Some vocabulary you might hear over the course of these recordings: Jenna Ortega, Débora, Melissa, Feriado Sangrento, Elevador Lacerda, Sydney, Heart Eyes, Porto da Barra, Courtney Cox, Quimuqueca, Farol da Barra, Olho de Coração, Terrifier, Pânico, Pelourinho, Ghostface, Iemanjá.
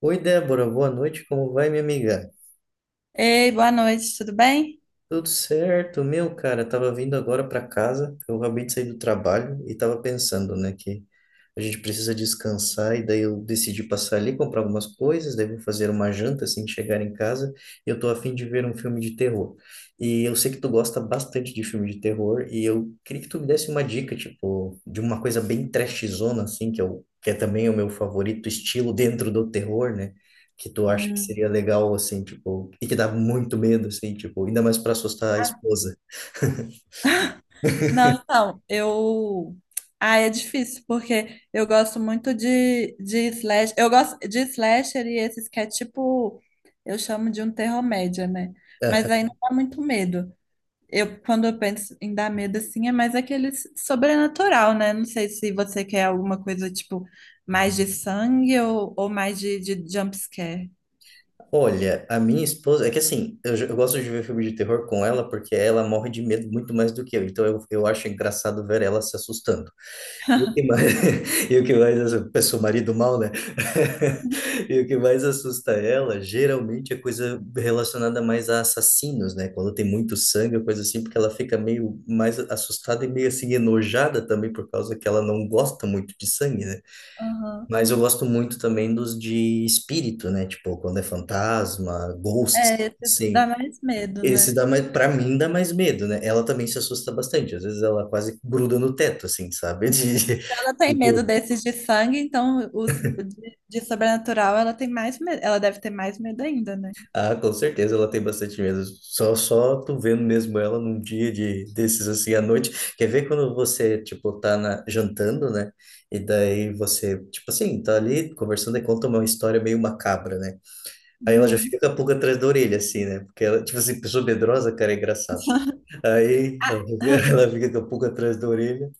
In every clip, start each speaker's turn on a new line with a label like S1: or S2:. S1: Oi, Débora, boa noite, como vai, minha amiga?
S2: Ei, boa noite, tudo bem?
S1: Tudo certo, meu cara, tava vindo agora para casa, eu acabei de sair do trabalho e tava pensando, né, que a gente precisa descansar e daí eu decidi passar ali, comprar algumas coisas, daí vou fazer uma janta assim que chegar em casa e eu tô a fim de ver um filme de terror. E eu sei que tu gosta bastante de filme de terror e eu queria que tu me desse uma dica, tipo, de uma coisa bem trashzona assim, que eu, que é também o meu favorito estilo dentro do terror, né? Que tu acha que seria
S2: Hum,
S1: legal, assim, tipo, e que dá muito medo, assim, tipo, ainda mais pra assustar a esposa?
S2: Não, então, eu. Ah, é difícil, porque eu gosto muito de slash. Eu gosto de slasher e esses que é tipo. Eu chamo de um terror-média, né? Mas
S1: Aham.
S2: aí não dá muito medo. Eu, quando eu penso em dar medo assim, é mais aquele sobrenatural, né? Não sei se você quer alguma coisa tipo mais de sangue ou mais de jump scare.
S1: Olha, a minha esposa, é que assim, eu gosto de ver filme de terror com ela porque ela morre de medo muito mais do que eu, então eu acho engraçado ver ela se assustando. E o que mais, e o que mais assusta, eu sou marido mal, né? E o que mais assusta ela, geralmente é coisa relacionada mais a assassinos, né? Quando tem muito sangue, ou coisa assim, porque ela fica meio mais assustada e meio assim enojada também por causa que ela não gosta muito de sangue, né?
S2: Aham.
S1: Mas eu gosto muito também dos de espírito, né? Tipo, quando é fantasma,
S2: É,
S1: ghosts,
S2: esse
S1: sim.
S2: dá mais medo,
S1: Esse
S2: né?
S1: dá mais, pra mim dá mais medo, né? Ela também se assusta bastante. Às vezes ela quase gruda no teto, assim, sabe?
S2: Ela tem medo
S1: Tipo,
S2: desses de sangue, então os de sobrenatural ela tem mais medo, ela deve ter mais medo ainda, né?
S1: Ah, com certeza ela tem bastante medo. Só tu vendo mesmo ela num dia de desses assim à noite. Quer ver quando você, tipo, jantando, né? E daí você, tipo assim, tá ali conversando e conta uma história meio macabra, né? Aí ela já
S2: Uhum.
S1: fica com a pulga atrás da orelha, assim, né? Porque ela, tipo assim, pessoa medrosa, cara, é engraçado. Aí
S2: Ah,
S1: ela fica, ela fica com a pulga atrás da orelha.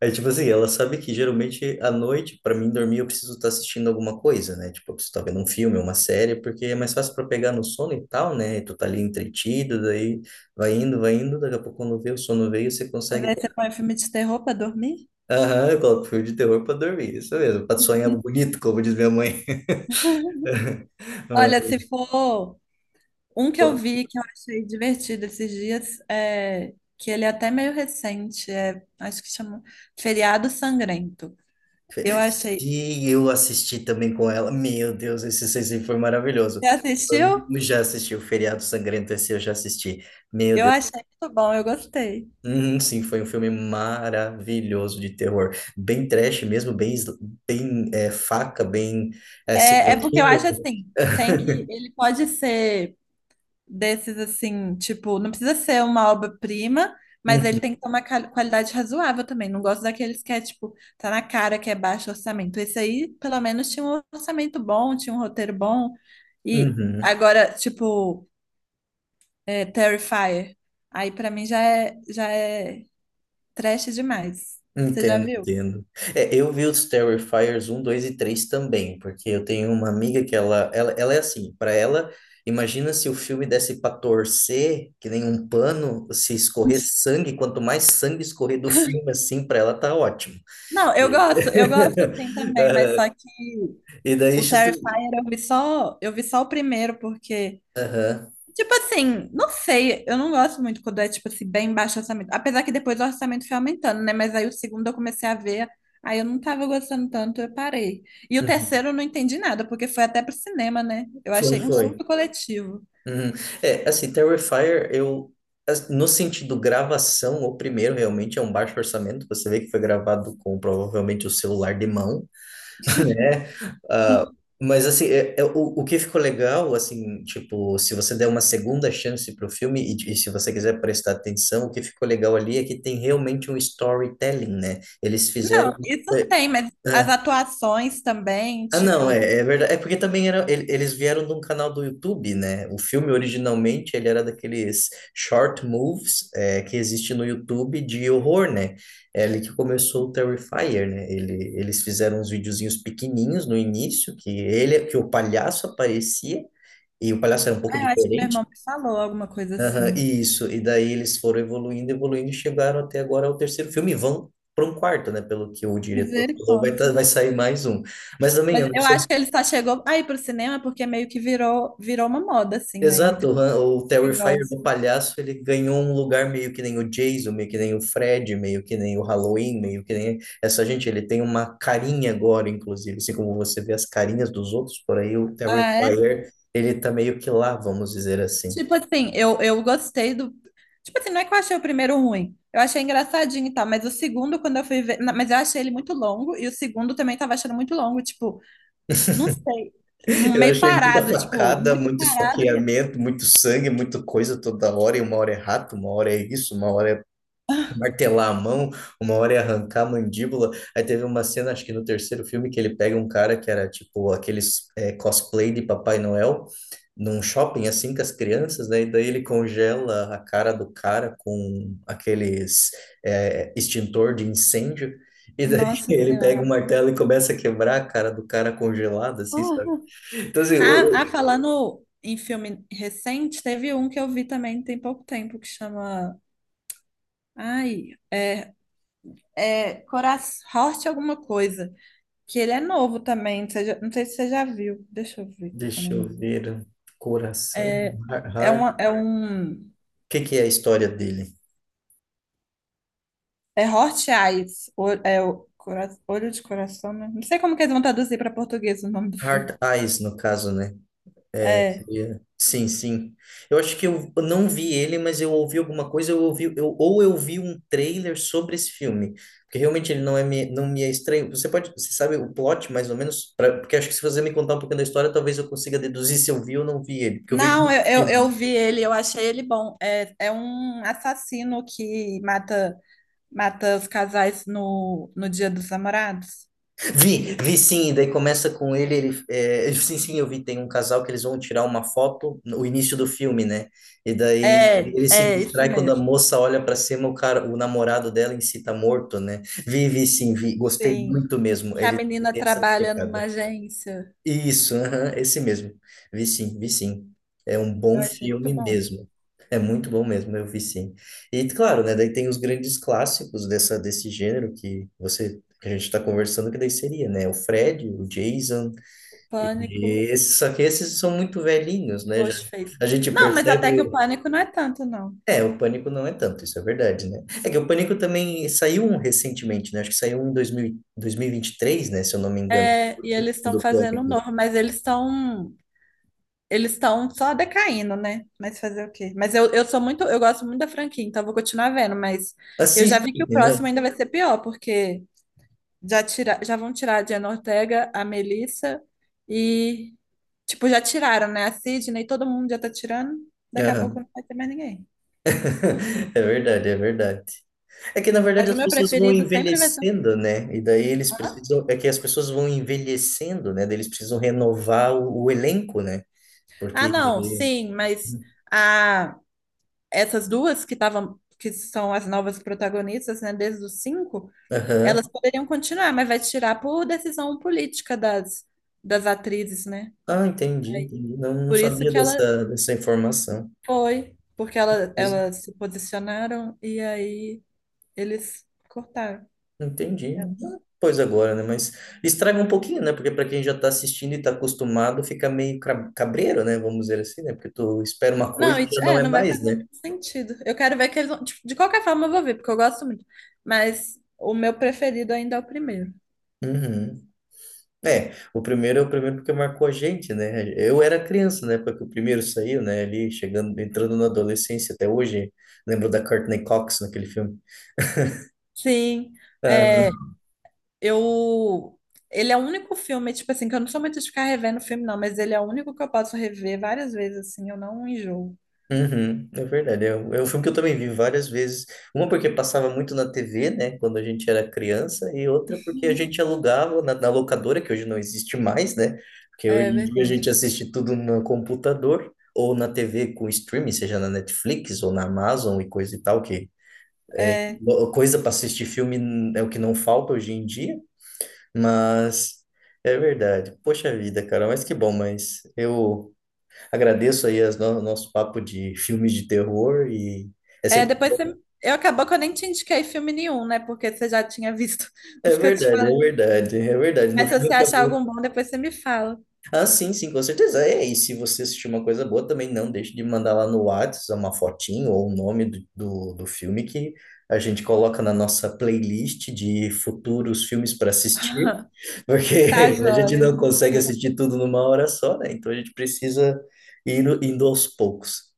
S1: Aí, tipo assim, ela sabe que geralmente à noite, para mim dormir, eu preciso estar assistindo alguma coisa, né? Tipo, eu preciso estar vendo um filme, uma série, porque é mais fácil para pegar no sono e tal, né? E tu tá ali entretido, daí vai indo, daqui a pouco quando vê o sono veio, você
S2: mas
S1: consegue.
S2: aí você põe filme de terror pra dormir?
S1: Aham, eu coloco filme de terror para dormir, isso mesmo, para sonhar bonito, como diz minha mãe.
S2: Olha, se for um que eu vi que eu achei divertido esses dias, é, que ele é até meio recente, é, acho que chama Feriado Sangrento. Eu achei.
S1: E eu assisti também com ela. Meu Deus, esse Sensei foi maravilhoso.
S2: Você assistiu?
S1: Eu já assisti o Feriado Sangrento, esse eu já assisti. Meu
S2: Eu
S1: Deus.
S2: achei muito bom, eu gostei.
S1: Uhum, sim, foi um filme maravilhoso de terror. Bem trash mesmo, bem, sl- bem é, faca,
S2: É, é
S1: serial
S2: porque eu
S1: killer.
S2: acho assim, tem que, ele pode ser desses assim, tipo, não precisa ser uma obra-prima, mas ele
S1: Uhum,
S2: tem que ter uma qualidade razoável também. Não gosto daqueles que é, tipo, tá na cara que é baixo orçamento. Esse aí, pelo menos, tinha um orçamento bom, tinha um roteiro bom. E
S1: uhum.
S2: agora, tipo, é, Terrifier. Aí pra mim já é trash demais. Você já
S1: Entendo,
S2: viu?
S1: entendo. É, eu vi os Terrifiers um, 2 e 3 também, porque eu tenho uma amiga que ela é assim, para ela, imagina se o filme desse para torcer, que nem um pano, se escorrer sangue, quanto mais sangue escorrer do filme assim, para ela tá ótimo.
S2: Não,
S1: E,
S2: eu gosto sim também, mas
S1: Ah,
S2: só que
S1: e daí,
S2: o
S1: justa-
S2: Terrifier eu vi só o primeiro, porque
S1: Aham.
S2: tipo assim, não sei, eu não gosto muito quando é, tipo assim, bem baixo o orçamento. Apesar que depois o orçamento foi aumentando, né? Mas aí o segundo eu comecei a ver, aí eu não tava gostando tanto, eu parei. E o
S1: Uhum.
S2: terceiro eu não entendi nada, porque foi até pro cinema, né? Eu
S1: Foi,
S2: achei um
S1: foi.
S2: surto coletivo.
S1: Uhum. É, assim, no sentido gravação, o primeiro realmente é um baixo orçamento, você vê que foi gravado com provavelmente o celular de mão, né? Ah, mas, assim, o que ficou legal, assim, tipo, se você der uma segunda chance pro filme e se você quiser prestar atenção, o que ficou legal ali é que tem realmente um storytelling, né? Eles fizeram.
S2: Não, isso
S1: é,
S2: tem, mas as atuações também,
S1: ah, não,
S2: tipo,
S1: é verdade. É porque também era, eles vieram de um canal do YouTube, né? O filme originalmente ele era daqueles short moves é, que existe no YouTube de horror, né? É ali que começou o Terrifier, né? Ele, eles fizeram uns videozinhos pequenininhos no início, que ele, que o palhaço aparecia, e o palhaço era um pouco
S2: ah, eu acho que meu irmão
S1: diferente.
S2: me falou alguma coisa
S1: Aham,
S2: assim.
S1: isso, e daí eles foram evoluindo, evoluindo, e chegaram até agora ao terceiro filme, e vão para um quarto, né? Pelo que o diretor falou,
S2: Misericórdia.
S1: vai sair mais um. Mas também eu
S2: Mas
S1: não
S2: eu
S1: sou
S2: acho que ele só chegou aí pro cinema porque meio que virou uma moda, assim, né?
S1: Exato,
S2: Entre
S1: o
S2: quem
S1: Terrifier do
S2: gosta.
S1: Palhaço, ele ganhou um lugar meio que nem o Jason, meio que nem o Fred, meio que nem o Halloween, meio que nem essa gente, ele tem uma carinha agora, inclusive, assim como você vê as carinhas dos outros por aí, o
S2: Ah, é?
S1: Terrifier, ele tá meio que lá, vamos dizer assim.
S2: Tipo assim, eu gostei do. Tipo assim, não é que eu achei o primeiro ruim. Eu achei engraçadinho e tal, mas o segundo, quando eu fui ver. Mas eu achei ele muito longo, e o segundo também tava achando muito longo, tipo, não sei.
S1: Eu
S2: Meio
S1: achei muita
S2: parado, tipo,
S1: facada,
S2: muito
S1: muito
S2: parado.
S1: esfaqueamento, muito sangue, muita coisa toda hora, e uma hora é rato, uma hora é isso, uma hora é martelar a mão, uma hora ia arrancar a mandíbula. Aí teve uma cena, acho que no terceiro filme, que ele pega um cara que era tipo aqueles cosplay de Papai Noel num shopping assim com as crianças, né? E daí ele congela a cara do cara com aqueles extintor de incêndio. E daí
S2: Nossa
S1: ele pega um
S2: Senhora.
S1: martelo e começa a quebrar a cara do cara congelado, assim, sabe?
S2: Uhum.
S1: Então, assim,
S2: Ah, ah, falando em filme recente, teve um que eu vi também tem pouco tempo que chama. Ai, é Coração, Horte alguma coisa. Que ele é novo também. Não sei se você já viu. Deixa eu ver qual que é o
S1: deixa eu
S2: nome.
S1: ver. Coração,
S2: É, é,
S1: Heart.
S2: uma,
S1: O
S2: é um.
S1: que que é a história dele?
S2: É Heart Eyes. É o Olho de Coração, né? Não sei como que eles vão traduzir para português o nome do filme.
S1: Heart Eyes, no caso, né? É, é,
S2: É.
S1: sim, sim. Eu acho que eu não vi ele, mas eu ouvi alguma coisa, eu ouvi, eu, ou eu vi um trailer sobre esse filme, porque realmente ele não é não me é estranho. Você pode, você sabe o plot mais ou menos, porque acho que se você me contar um pouquinho da história, talvez eu consiga deduzir se eu vi ou não vi ele, porque eu vejo
S2: Não,
S1: muito
S2: eu
S1: filme.
S2: vi ele, eu achei ele bom. É, é um assassino que mata, mata os casais no Dia dos Namorados.
S1: Vi, vi sim, e daí começa com ele, sim, sim, eu vi, tem um casal que eles vão tirar uma foto no início do filme, né? E daí
S2: É,
S1: ele se
S2: é isso
S1: distrai quando a
S2: mesmo.
S1: moça olha pra cima, o cara, o namorado dela em si tá morto, né? Vi, vi sim, vi, gostei
S2: Sim.
S1: muito mesmo,
S2: Que a
S1: ele tem
S2: menina
S1: essa
S2: trabalha numa
S1: pegada.
S2: agência.
S1: Isso, aham, esse mesmo. Vi sim, vi sim. É um
S2: Eu
S1: bom
S2: achei muito
S1: filme
S2: bom.
S1: mesmo. É muito bom mesmo, eu vi sim. E claro, né, daí tem os grandes clássicos desse gênero que você que a gente está conversando, que daí seria, né? O Fred, o Jason, e
S2: Pânico,
S1: esses, só que esses são muito velhinhos, né? Já,
S2: Ghostface.
S1: a gente
S2: Não, mas até
S1: percebe.
S2: que o
S1: O-
S2: pânico não é tanto, não.
S1: É, o Pânico não é tanto, isso é verdade, né? É que o Pânico também saiu um recentemente, né? Acho que saiu um em dois mil e vinte e três né? Se eu não me engano,
S2: É, e eles estão
S1: do
S2: fazendo um
S1: Pânico.
S2: novo, mas eles estão só decaindo, né? Mas fazer o quê? Mas eu sou muito, eu gosto muito da franquia, então eu vou continuar vendo, mas eu já
S1: Assiste.
S2: vi que o próximo ainda vai ser pior, porque já tira, já vão tirar a Jenna Ortega, a Melissa e tipo, já tiraram, né? A Sydney, todo mundo já tá tirando. Daqui a pouco
S1: Aham.
S2: não vai ter mais ninguém.
S1: É verdade, é verdade. É que na
S2: Mas
S1: verdade
S2: o
S1: as
S2: meu
S1: pessoas vão
S2: preferido sempre vai ser.
S1: envelhecendo, né? E daí eles
S2: Hã?
S1: precisam, é que as pessoas vão envelhecendo, né? Daí eles precisam renovar o elenco, né?
S2: Ah,
S1: Porque.
S2: não, sim, mas a essas duas que estavam, que são as novas protagonistas, né, desde os cinco, elas
S1: Aham.
S2: poderiam continuar, mas vai tirar por decisão política das atrizes, né?
S1: Ah, entendi,
S2: Aí,
S1: entendi. Não, não
S2: por isso
S1: sabia
S2: que ela
S1: dessa informação.
S2: foi, porque ela,
S1: Pois,
S2: elas se posicionaram e aí eles cortaram.
S1: entendi. Ah,
S2: Elas.
S1: Pois agora, né? Mas estraga um pouquinho, né? Porque para quem já está assistindo e está acostumado, fica meio cabreiro, né? Vamos dizer assim, né? Porque tu espera uma
S2: Não,
S1: coisa e
S2: e
S1: já não
S2: é,
S1: é
S2: não vai
S1: mais,
S2: fazer
S1: né?
S2: muito sentido. Eu quero ver que eles vão. Tipo, de qualquer forma, eu vou ver, porque eu gosto muito. Mas o meu preferido ainda é o primeiro.
S1: Uhum. É o primeiro porque marcou a gente, né? Eu era criança na época que o primeiro saiu, né? Ali chegando, entrando na adolescência até hoje. Lembro da Courtney Cox naquele filme.
S2: Sim.
S1: Ah,
S2: é, Eu. Ele é o único filme, tipo assim, que eu não sou muito de ficar revendo filme, não, mas ele é o único que eu posso rever várias vezes, assim, eu não enjoo.
S1: uhum, é verdade. É um filme que eu também vi várias vezes. Uma porque passava muito na TV, né? Quando a gente era criança, e outra porque a gente alugava na locadora, que hoje não existe mais, né? Porque hoje
S2: É
S1: em dia a
S2: verdade.
S1: gente assiste tudo no computador ou na TV com streaming, seja na Netflix ou na Amazon e coisa e tal, que
S2: É,
S1: Lo- Coisa para assistir filme é o que não falta hoje em dia, mas é verdade. Poxa vida, cara, mas que bom, mas eu agradeço aí as nosso papo de filmes de terror e é
S2: é,
S1: sempre
S2: depois você.
S1: bom.
S2: Eu acabou que eu nem te indiquei filme nenhum, né? Porque você já tinha visto
S1: É
S2: os que eu te
S1: verdade, é
S2: falei.
S1: verdade, é verdade. No
S2: Mas se
S1: fim
S2: você achar
S1: acabou.
S2: algum bom, depois você me fala.
S1: Ah, sim, sim, com certeza. É, e se você assistir uma coisa boa, também não deixe de mandar lá no WhatsApp uma fotinho ou o nome do filme que a gente coloca na nossa playlist de futuros filmes para assistir.
S2: Tá
S1: Porque a gente
S2: joia.
S1: não consegue assistir tudo numa hora só, né? Então a gente precisa ir indo indo aos poucos.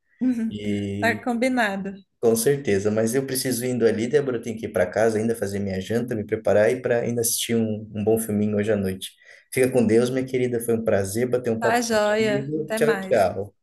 S2: Tá
S1: E
S2: combinado.
S1: com certeza, mas eu preciso indo ali, Débora, eu tenho que ir para casa ainda fazer minha janta, me preparar e para ainda assistir um bom filminho hoje à noite. Fica com Deus, minha querida, foi um prazer bater um
S2: Tá
S1: papo
S2: joia.
S1: contigo.
S2: Até
S1: Tchau,
S2: mais.
S1: tchau.